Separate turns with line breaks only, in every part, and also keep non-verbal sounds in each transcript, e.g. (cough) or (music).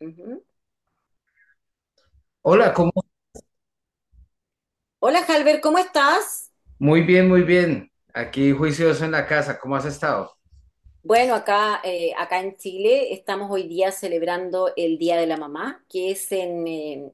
Ujú.
Hola, ¿cómo?
Hola, Halber, ¿cómo estás?
Muy bien, muy bien. Aquí juicioso en la casa, ¿cómo has estado?
Bueno, acá en Chile estamos hoy día celebrando el Día de la Mamá, que es en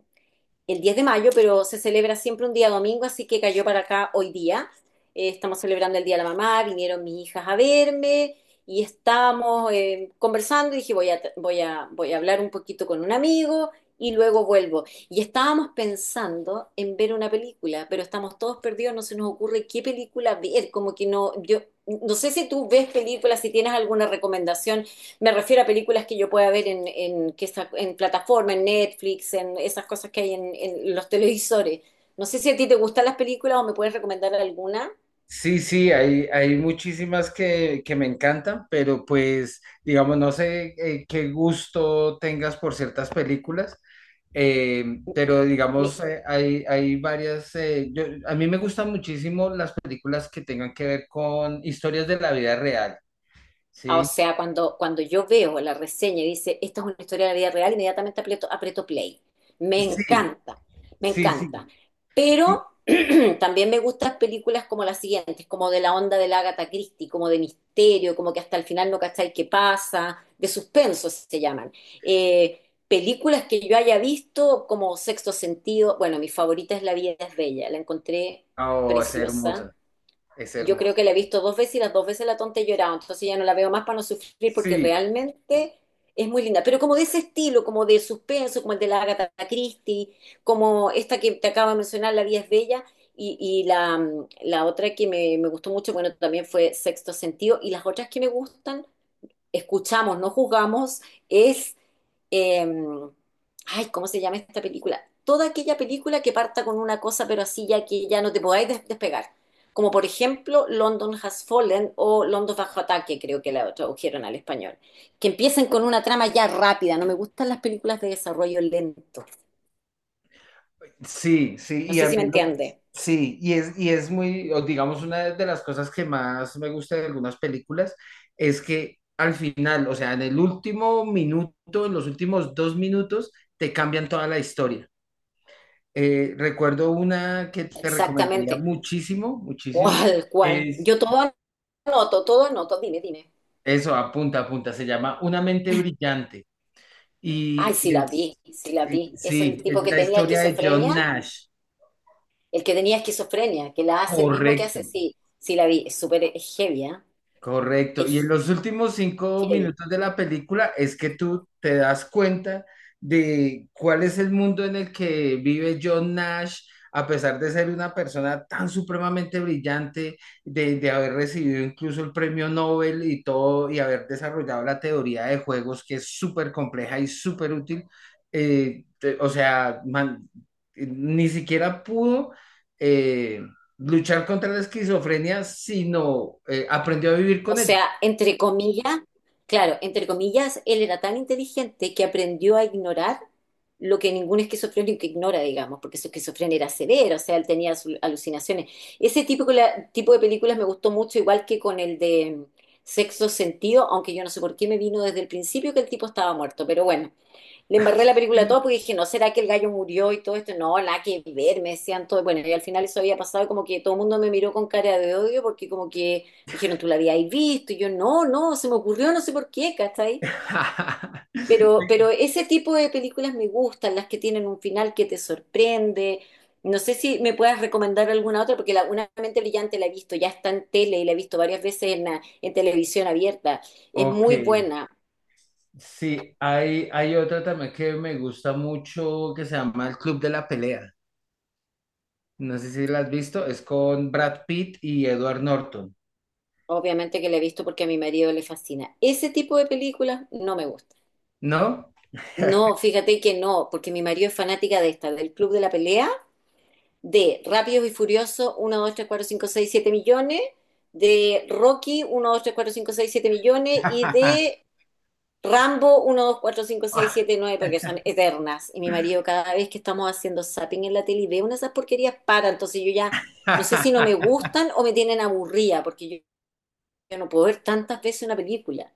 el 10 de mayo, pero se celebra siempre un día domingo, así que cayó para acá hoy día. Estamos celebrando el Día de la Mamá, vinieron mis hijas a verme y estábamos conversando y dije, voy a hablar un poquito con un amigo y luego vuelvo. Y estábamos pensando en ver una película, pero estamos todos perdidos, no se nos ocurre qué película ver, como que no, yo no sé si tú ves películas, si tienes alguna recomendación. Me refiero a películas que yo pueda ver en plataforma, en Netflix, en esas cosas que hay en los televisores. No sé si a ti te gustan las películas o me puedes recomendar alguna.
Sí, sí, hay muchísimas que me encantan, pero pues, digamos, no sé qué gusto tengas por ciertas películas, eh, pero
Mi-
digamos, hay varias, a mí me gustan muchísimo las películas que tengan que ver con historias de la vida real,
Ah, o
¿sí?
sea, cuando yo veo la reseña y dice, esta es una historia de la vida real, inmediatamente aprieto play. Me
Sí,
encanta, me
sí,
encanta.
sí. Sí.
Pero (clears throat) también me gustan películas como las siguientes, como de la onda de la Agatha Christie, como de misterio, como que hasta el final no cacháis qué pasa, de suspenso se llaman. Eh, Películas que yo haya visto como Sexto Sentido. Bueno, mi favorita es La vida es bella, la encontré
Oh, es
preciosa.
hermosa, es
Yo creo
hermosa.
que la he visto dos veces y las dos veces la tonta he llorado, entonces ya no la veo más para no sufrir porque
Sí.
realmente es muy linda. Pero como de ese estilo, como de suspenso, como el de la Agatha Christie, como esta que te acabo de mencionar, La vida es bella, y la otra que me gustó mucho, bueno, también fue Sexto Sentido, y las otras que me gustan escuchamos, no juzgamos, es, eh, ay, ¿cómo se llama esta película? Toda aquella película que parta con una cosa, pero así ya que ya no te podáis despegar. Como por ejemplo London Has Fallen o London Bajo Ataque, creo que la tradujeron al español. Que empiecen con una trama ya rápida. No me gustan las películas de desarrollo lento.
Sí, sí,
No
y
sé
a
si me
mí lo que-
entiende.
sí, y es muy, o digamos, una de las cosas que más me gusta de algunas películas es que al final, o sea, en el último minuto, en los últimos dos minutos, te cambian toda la historia. Recuerdo una que te recomendaría
Exactamente.
muchísimo, muchísimo,
¿Cuál, cuál?
es,
Yo todo anoto, todo. Dime, dime.
se llama Un Brillante,
Ay, sí
y
la vi.
es-
Es el
sí, es
tipo que
la
tenía
historia de John
esquizofrenia.
Nash,
El que tenía esquizofrenia, que la hace el mismo que hace,
correcto.
sí, sí la vi, es súper, es heavy, ¿ah?
Correcto. Y en
Es
los últimos cinco
heavy.
minutos de la película es que tú te das cuenta de cuál es el mundo en el que vive John Nash, a pesar de ser una persona tan supremamente brillante, de haber recibido incluso el premio Nobel y todo, y haber desarrollado la teoría de juegos, que es súper compleja y súper útil. Eh, te- o sea, man- ni siquiera pudo. eh, luchar contra la esquizofrenia, sino aprendió a vivir
O
con ella.
sea, entre comillas, claro, entre comillas, él era tan inteligente que aprendió a ignorar lo que ningún esquizofrénico ignora, digamos, porque su esquizofrenia era severa, o sea, él tenía alucinaciones. Ese tipo, tipo de películas me gustó mucho, igual que con el de Sexto Sentido, aunque yo no sé por qué me vino desde el principio que el tipo estaba muerto, pero bueno. Le embarré la película a todo porque dije, no, ¿será que el gallo murió y todo esto? No, nada que ver, me decían todo. Bueno, y al final eso había pasado y como que todo el mundo me miró con cara de odio porque como que dijeron, tú la habías visto. Y yo, no, no, se me ocurrió, no sé por qué, ¿cachai? Pero
(laughs)
ese tipo de películas me gustan, las que tienen un final que te sorprende. No sé si me puedas recomendar alguna otra, porque la Una mente brillante la he visto, ya está en tele y la he visto varias veces en en televisión abierta. Es
Ok,
muy buena.
sí, hay otra también que me gusta mucho que se llama El Club de la Pelea. No sé si la has visto, es con Brad Pitt y Edward Norton,
Obviamente que la he visto porque a mi marido le fascina. Ese tipo de películas no me gusta.
¿no?
No, fíjate que no, porque mi marido es fanática de esta, del Club de la Pelea, de Rápidos y Furiosos, uno, 2, 3, 4, 5, 6, 7 millones, de Rocky, uno, 2, 3, 4, 5, 6, 7 millones, y
(laughs)
de Rambo, uno, 2, 4, 5, 6, 7, 9 porque son eternas. Y mi marido cada vez que estamos haciendo zapping en la tele y ve una de esas porquerías, para. Entonces yo ya no sé si no me
(laughs)
gustan o me tienen aburrida, porque yo no puedo ver tantas veces una película,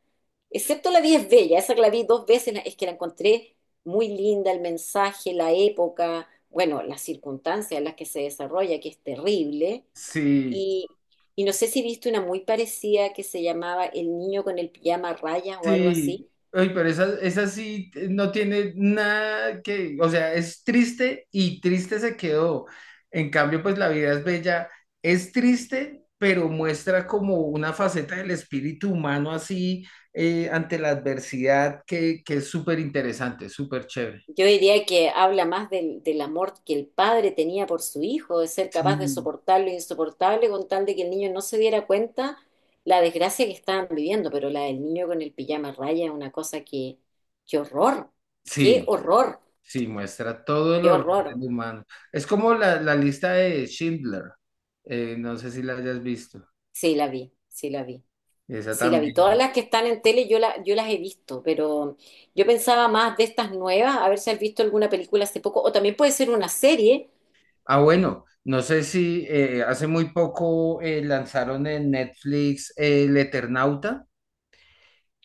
excepto La vida es bella, esa que la vi dos veces, es que la encontré muy linda, el mensaje, la época, bueno, las circunstancias en las que se desarrolla, que es terrible.
Sí,
Y, y no sé si viste una muy parecida que se llamaba El niño con el pijama a rayas o algo
sí,
así.
oye, pero esa sí no tiene nada que, o sea, es triste y triste se quedó. En cambio, pues La vida es bella, es triste, pero muestra como una faceta del espíritu humano así ante la adversidad que es súper interesante, súper chévere.
Yo diría que habla más del amor que el padre tenía por su hijo, de ser capaz de
Sí,
soportar lo insoportable con tal de que el niño no se diera cuenta la desgracia que estaban viviendo, pero la del niño con el pijama raya es una cosa que, qué horror, qué
sí,
horror,
sí, muestra todo el
qué
horror del
horror.
humano. Es como la lista de Schindler, no sé si la hayas visto,
Sí la vi, sí la vi,
esa
sí la vi.
también.
Todas las que están en tele yo, la, yo las he visto, pero yo pensaba más de estas nuevas, a ver si has visto alguna película hace poco, o también puede ser una serie.
Ah, bueno, no sé si hace muy poco lanzaron en Netflix El Eternauta,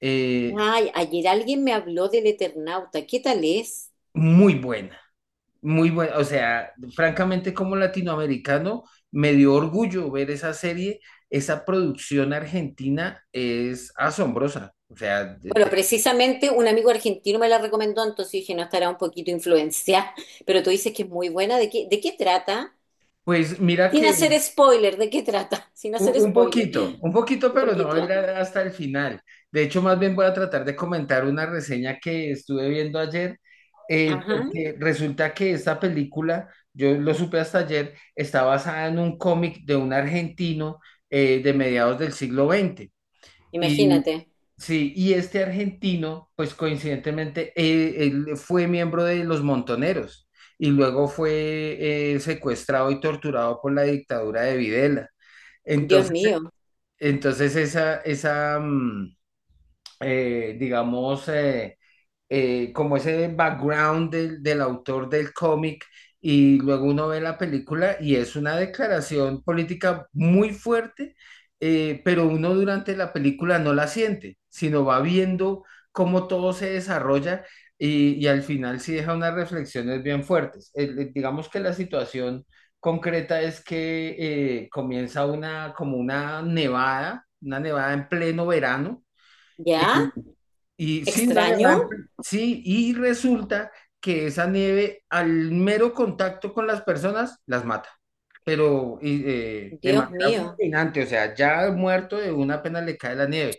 eh,
Ay, ayer alguien me habló del Eternauta. ¿Qué tal es?
muy buena, muy buena, o sea, francamente como latinoamericano me dio orgullo ver esa serie, esa producción argentina es asombrosa,
Bueno, precisamente un amigo argentino me la recomendó, entonces dije, no estará un poquito influenciada, (laughs) pero tú dices que es muy buena. De qué trata?
pues mira
Sin
que
hacer spoiler, ¿de qué trata? (laughs) Sin
un,
hacer spoiler.
un poquito,
Un
pero no voy a ir
poquito.
a- hasta el final. De hecho, más bien voy a tratar de comentar una reseña que estuve viendo ayer,
Ajá.
porque resulta que esta película, yo lo supe hasta ayer, está basada en un cómic de un argentino de mediados del siglo XX. Y,
Imagínate.
Sí, y este argentino, pues coincidentemente, él fue miembro de los Montoneros y luego fue secuestrado y torturado por la dictadura de Videla.
Dios
Entonces
mío.
entonces eh, digamos, eh, como ese background del autor del cómic y luego uno ve la película y es una declaración política muy fuerte, pero uno durante la película no la siente, sino va viendo cómo todo se desarrolla y al final sí deja unas reflexiones bien fuertes. Digamos que la situación concreta es que comienza una, como una nevada en pleno verano.
¿Ya?
Y sí, una
¿Extraño?
nevada, sí, y resulta que esa nieve al mero contacto con las personas las mata, pero de
Dios
manera
mío.
fulminante, o sea, ya muerto de una pena le cae la nieve.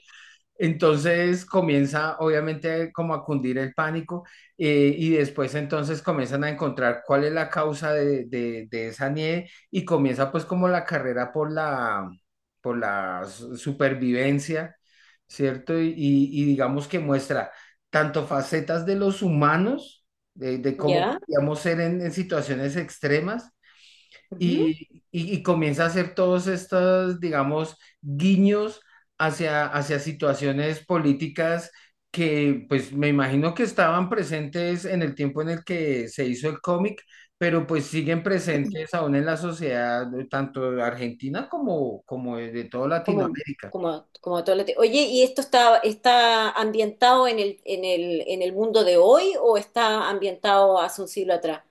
Entonces comienza obviamente como a cundir el pánico y después entonces comienzan a encontrar cuál es la causa de esa nieve y comienza pues como la carrera por por la supervivencia, ¿cierto? Y digamos que muestra tanto facetas de los humanos, de cómo
¿Ya?
podríamos ser en situaciones extremas,
Ujú.
y comienza a hacer todos estos, digamos, guiños hacia situaciones políticas que, pues, me imagino que estaban presentes en el tiempo en el que se hizo el cómic, pero pues siguen presentes aún en la sociedad, tanto argentina como, como de toda
Común,
Latinoamérica.
como, como todo lo Oye, ¿y esto está, está ambientado en el mundo de hoy o está ambientado hace un siglo atrás,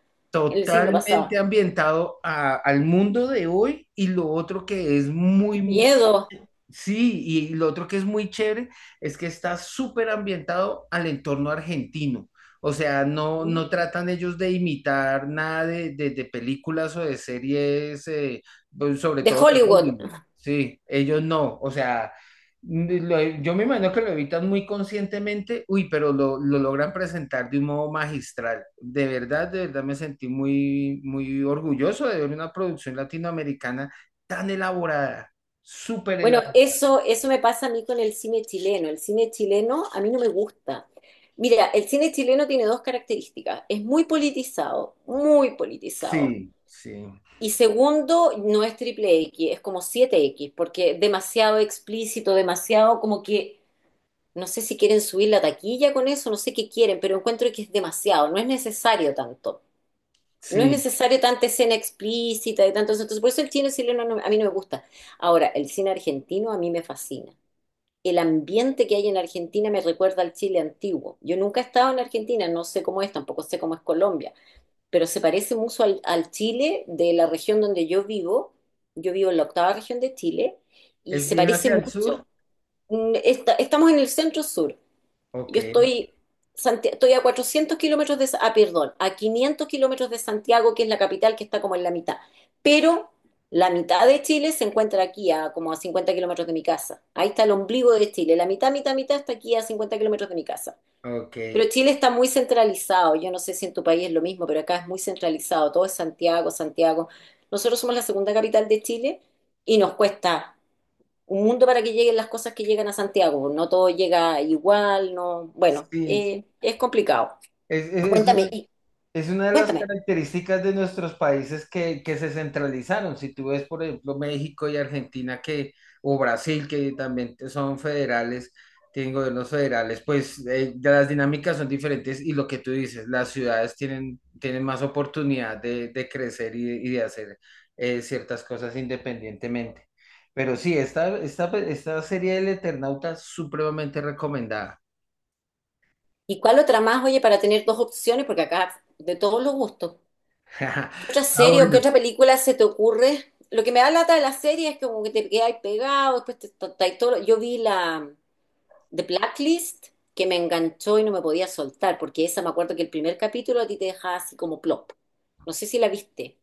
en el siglo
Totalmente
pasado?
ambientado a- al mundo de hoy y lo otro que es
¡Qué
muy, muy
miedo!
sí, y lo otro que es muy chévere es que está súper ambientado al entorno argentino. O sea, no, no tratan ellos de imitar nada de películas o de series, pues, sobre
De
todo de
Hollywood.
Hollywood. Sí, ellos no. O sea, yo me imagino que lo evitan muy conscientemente, uy, pero lo logran presentar de un modo magistral. De verdad me sentí muy, muy orgulloso de ver una producción latinoamericana tan elaborada, súper
Bueno,
elaborada.
eso me pasa a mí con el cine chileno. El cine chileno a mí no me gusta. Mira, el cine chileno tiene dos características. Es muy politizado, muy politizado.
Sí, sí,
Y segundo, no es triple X, es como siete x porque demasiado explícito, demasiado como que no sé si quieren subir la taquilla con eso, no sé qué quieren, pero encuentro que es demasiado, no es necesario tanto. No es
sí.
necesario tanta escena explícita y tanto eso. Entonces, por eso el cine chileno a mí no me gusta. Ahora, el cine argentino a mí me fascina. El ambiente que hay en Argentina me recuerda al Chile antiguo. Yo nunca he estado en Argentina, no sé cómo es, tampoco sé cómo es Colombia, pero se parece mucho al, al Chile de la región donde yo vivo. Yo vivo en la octava región de Chile y
¿Es
se
bien
parece
hacia el
mucho.
sur?
Mm, estamos en el centro sur.
Ok,
Yo estoy, estoy a 400 km de, ah, perdón, a 500 km de Santiago, que es la capital, que está como en la mitad. Pero la mitad de Chile se encuentra aquí, a como a 50 km de mi casa. Ahí está el ombligo de Chile. La mitad, mitad, mitad está aquí a 50 km de mi casa.
ok.
Pero Chile está muy centralizado. Yo no sé si en tu país es lo mismo, pero acá es muy centralizado. Todo es Santiago, Santiago. Nosotros somos la segunda capital de Chile y nos cuesta un mundo para que lleguen las cosas que llegan a Santiago. No todo llega igual, no. Bueno,
Sí,
es complicado.
es una-
Cuéntame, y,
es una de las
cuéntame.
características de nuestros países que se centralizaron. Si tú ves, por ejemplo, México y Argentina, o Brasil, son federales, tienen gobiernos federales, pues ya las dinámicas son diferentes y lo que tú dices, las ciudades tienen, tienen más oportunidad de crecer y de hacer ciertas cosas independientemente. Pero sí, esta serie del Eternauta es supremamente recomendada.
¿Y cuál otra más, oye, para tener dos opciones? Porque acá de todos los gustos.
(laughs)
¿Qué otra
Ah,
serie o qué
bueno.
otra película se te ocurre? Lo que me da lata de la serie es que como que te quedas pegado, después te, todo. Yo vi la The Blacklist que me enganchó y no me podía soltar, porque esa me acuerdo que el primer capítulo a ti te dejaba así como plop. No sé si la viste.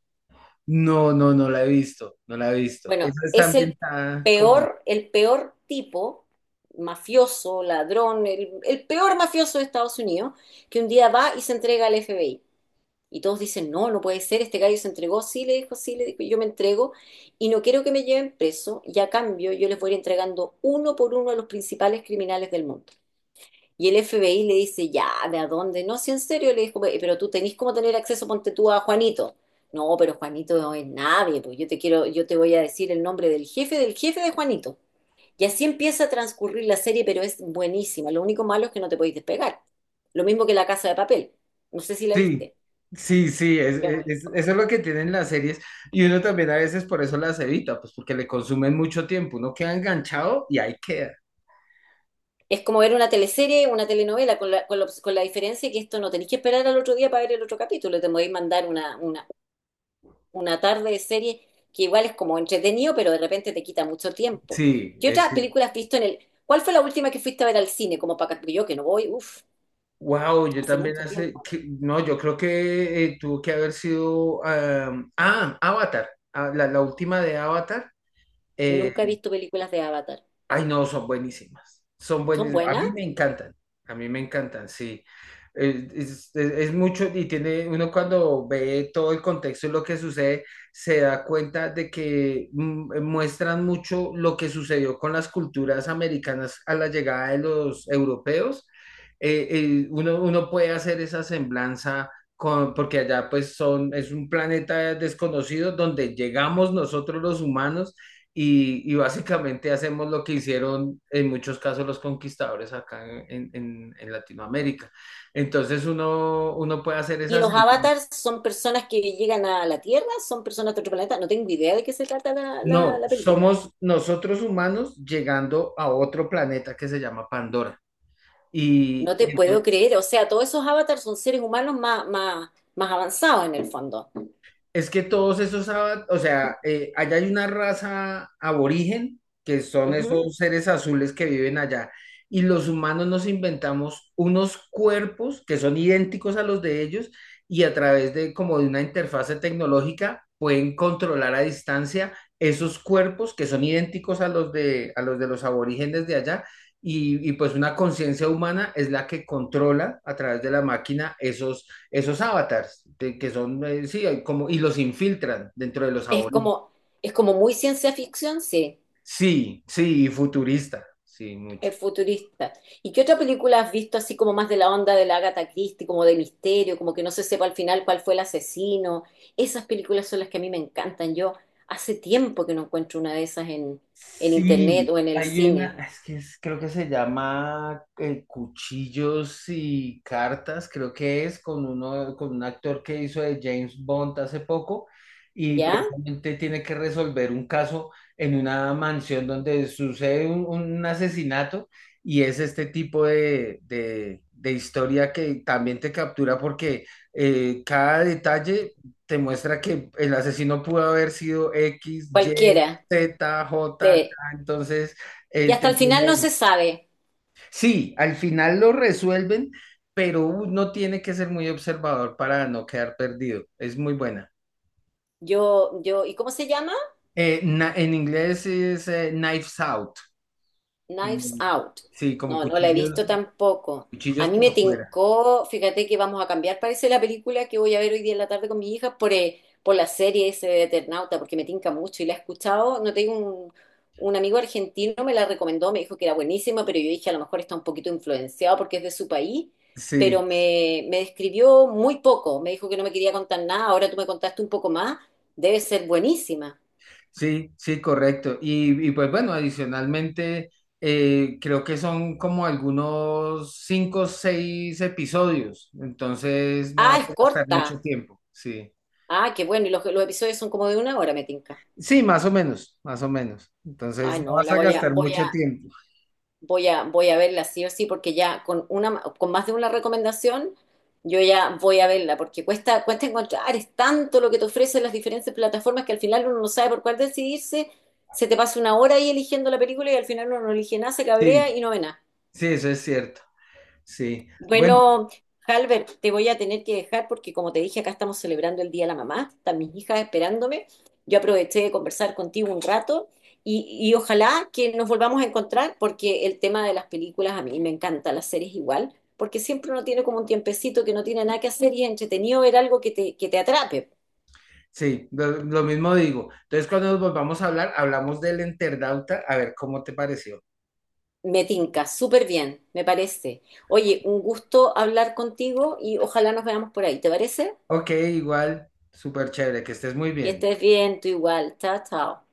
No, no, no la he visto, no la he visto.
Bueno,
Eso está
es
ambientada como...
el peor tipo, mafioso, ladrón, el peor mafioso de Estados Unidos, que un día va y se entrega al FBI. Y todos dicen, no, no puede ser, este gallo se entregó, sí le dijo, yo me entrego y no quiero que me lleven preso y a cambio yo les voy a ir entregando uno por uno a los principales criminales del mundo. Y el FBI le dice, ya, ¿de a dónde? No, si en serio, le dijo, "pe- pero tú tenés cómo tener acceso, ponte tú a Juanito. No, pero Juanito no es nadie, pues yo te quiero, yo te voy a decir el nombre del jefe de Juanito." Y así empieza a transcurrir la serie, pero es buenísima. Lo único malo es que no te podéis despegar. Lo mismo que La Casa de Papel. No sé si la
Sí,
viste.
sí, sí,
Ya.
eso es lo que tienen las series y uno también a veces por eso las evita, pues porque le consumen mucho tiempo, uno queda enganchado y ahí queda.
Es como ver una teleserie, una telenovela, con la diferencia que esto no tenéis que esperar al otro día para ver el otro capítulo. Te podéis mandar una tarde de serie que igual es como entretenido, pero de repente te quita mucho tiempo.
Sí,
¿Qué
es...
otras películas has visto en el... ¿Cuál fue la última que fuiste a ver al cine? Como para... porque yo que no voy, uff,
Wow, yo
hace
también
mucho
hace...
tiempo.
no, yo creo que tuvo que haber sido... Avatar, ah, la última de Avatar. eh,
Nunca he visto películas de Avatar.
Ay, no, son buenísimas. Son
¿Son
buenísimas. A
buenas?
mí me encantan. A mí me encantan, sí. Es mucho y tiene uno cuando ve todo el contexto y lo que sucede, se da cuenta de que muestran mucho lo que sucedió con las culturas americanas a la llegada de los europeos. Uno puede hacer esa semblanza con, porque allá pues son, es un planeta desconocido donde llegamos nosotros los humanos y básicamente hacemos lo que hicieron en muchos casos los conquistadores acá en Latinoamérica. Entonces uno puede hacer
¿Y
esas...
los avatars son personas que llegan a la Tierra? ¿Son personas de otro planeta? No tengo idea de qué se trata
No,
la película.
somos nosotros humanos llegando a otro planeta que se llama Pandora.
No
Y,
te puedo creer. O sea, todos esos avatars son seres humanos más avanzados en el fondo.
es que todos esos, ava- o sea, allá hay una raza aborigen, que son
Ujú.
esos seres azules que viven allá, y los humanos nos inventamos unos cuerpos que son idénticos a los de ellos y a través de como de una interfase tecnológica pueden controlar a distancia esos cuerpos que son idénticos a los a los de los aborígenes de allá. Y pues una conciencia humana es la que controla a través de la máquina esos avatars, que son, sí, hay como, y los infiltran dentro de los
Es
aborígenes.
como, es como muy ciencia ficción, sí.
Sí, sí, y futurista, sí, mucho.
Es futurista. ¿Y qué otra película has visto así como más de la onda de la Agatha Christie, como de misterio, como que no se sepa al final cuál fue el asesino? Esas películas son las que a mí me encantan. Yo hace tiempo que no encuentro una de esas en internet
Sí,
o en el
hay una,
cine.
creo que se llama Cuchillos y Cartas, creo que es con uno, con un actor que hizo de James Bond hace poco y
¿Ya?
precisamente tiene que resolver un caso en una mansión donde sucede un asesinato y es este tipo de historia que también te captura porque cada detalle te muestra que el asesino pudo haber sido X, Y.
Cualquiera.
Z, J, K,
Sí.
entonces
Y
eh,
hasta
te
el final no se
tienen-
sabe.
sí, al final lo resuelven, pero uno tiene que ser muy observador para no quedar perdido. Es muy buena.
¿Y cómo se llama?
En inglés es Knives Out.
Knives
Mm,
Out.
sí, como
No, no la he
cuchillos,
visto tampoco. A
cuchillos
mí me
por fuera.
tincó, fíjate que vamos a cambiar, parece la película que voy a ver hoy día en la tarde con mi hija por la serie ese de Eternauta, porque me tinca mucho y la he escuchado. No tengo un amigo argentino, me la recomendó, me dijo que era buenísima, pero yo dije a lo mejor está un poquito influenciado porque es de su país,
Sí,
pero me describió muy poco. Me dijo que no me quería contar nada, ahora tú me contaste un poco más, debe ser buenísima.
sí, sí, correcto. Y pues bueno, adicionalmente, creo que son como algunos cinco o seis episodios, entonces no
Ah,
vas
es
a gastar
corta.
mucho tiempo. Sí.
Ah, qué bueno, y los episodios son como de una hora, me tinca.
Sí, más o menos, más o menos. Entonces
Ay,
no
no,
vas
la
a
voy a,
gastar
voy
mucho
a,
tiempo.
voy a, voy a verla sí o sí, porque ya con una, con más de una recomendación, yo ya voy a verla, porque cuesta, cuesta encontrar, es tanto lo que te ofrecen las diferentes plataformas que al final uno no sabe por cuál decidirse, se te pasa una hora ahí eligiendo la película y al final uno no elige nada, se cabrea
Sí,
y no ve nada.
sí, eso es cierto. Sí. Bueno,
Bueno, Halbert, te voy a tener que dejar porque como te dije, acá estamos celebrando el Día de la Mamá, están mis hijas esperándome. Yo aproveché de conversar contigo un rato y ojalá que nos volvamos a encontrar porque el tema de las películas a mí me encanta, las series igual, porque siempre uno tiene como un tiempecito que no tiene nada que hacer y es entretenido ver algo que te atrape.
sí, lo mismo digo. Entonces cuando nos volvamos a hablar, hablamos del Enterdauta, a ver cómo te pareció.
Me tinca, súper bien, me parece. Oye, un gusto hablar contigo y ojalá nos veamos por ahí, ¿te parece?
Ok, igual, súper chévere, que estés muy
Que
bien.
estés bien, tú igual. Chao, chao.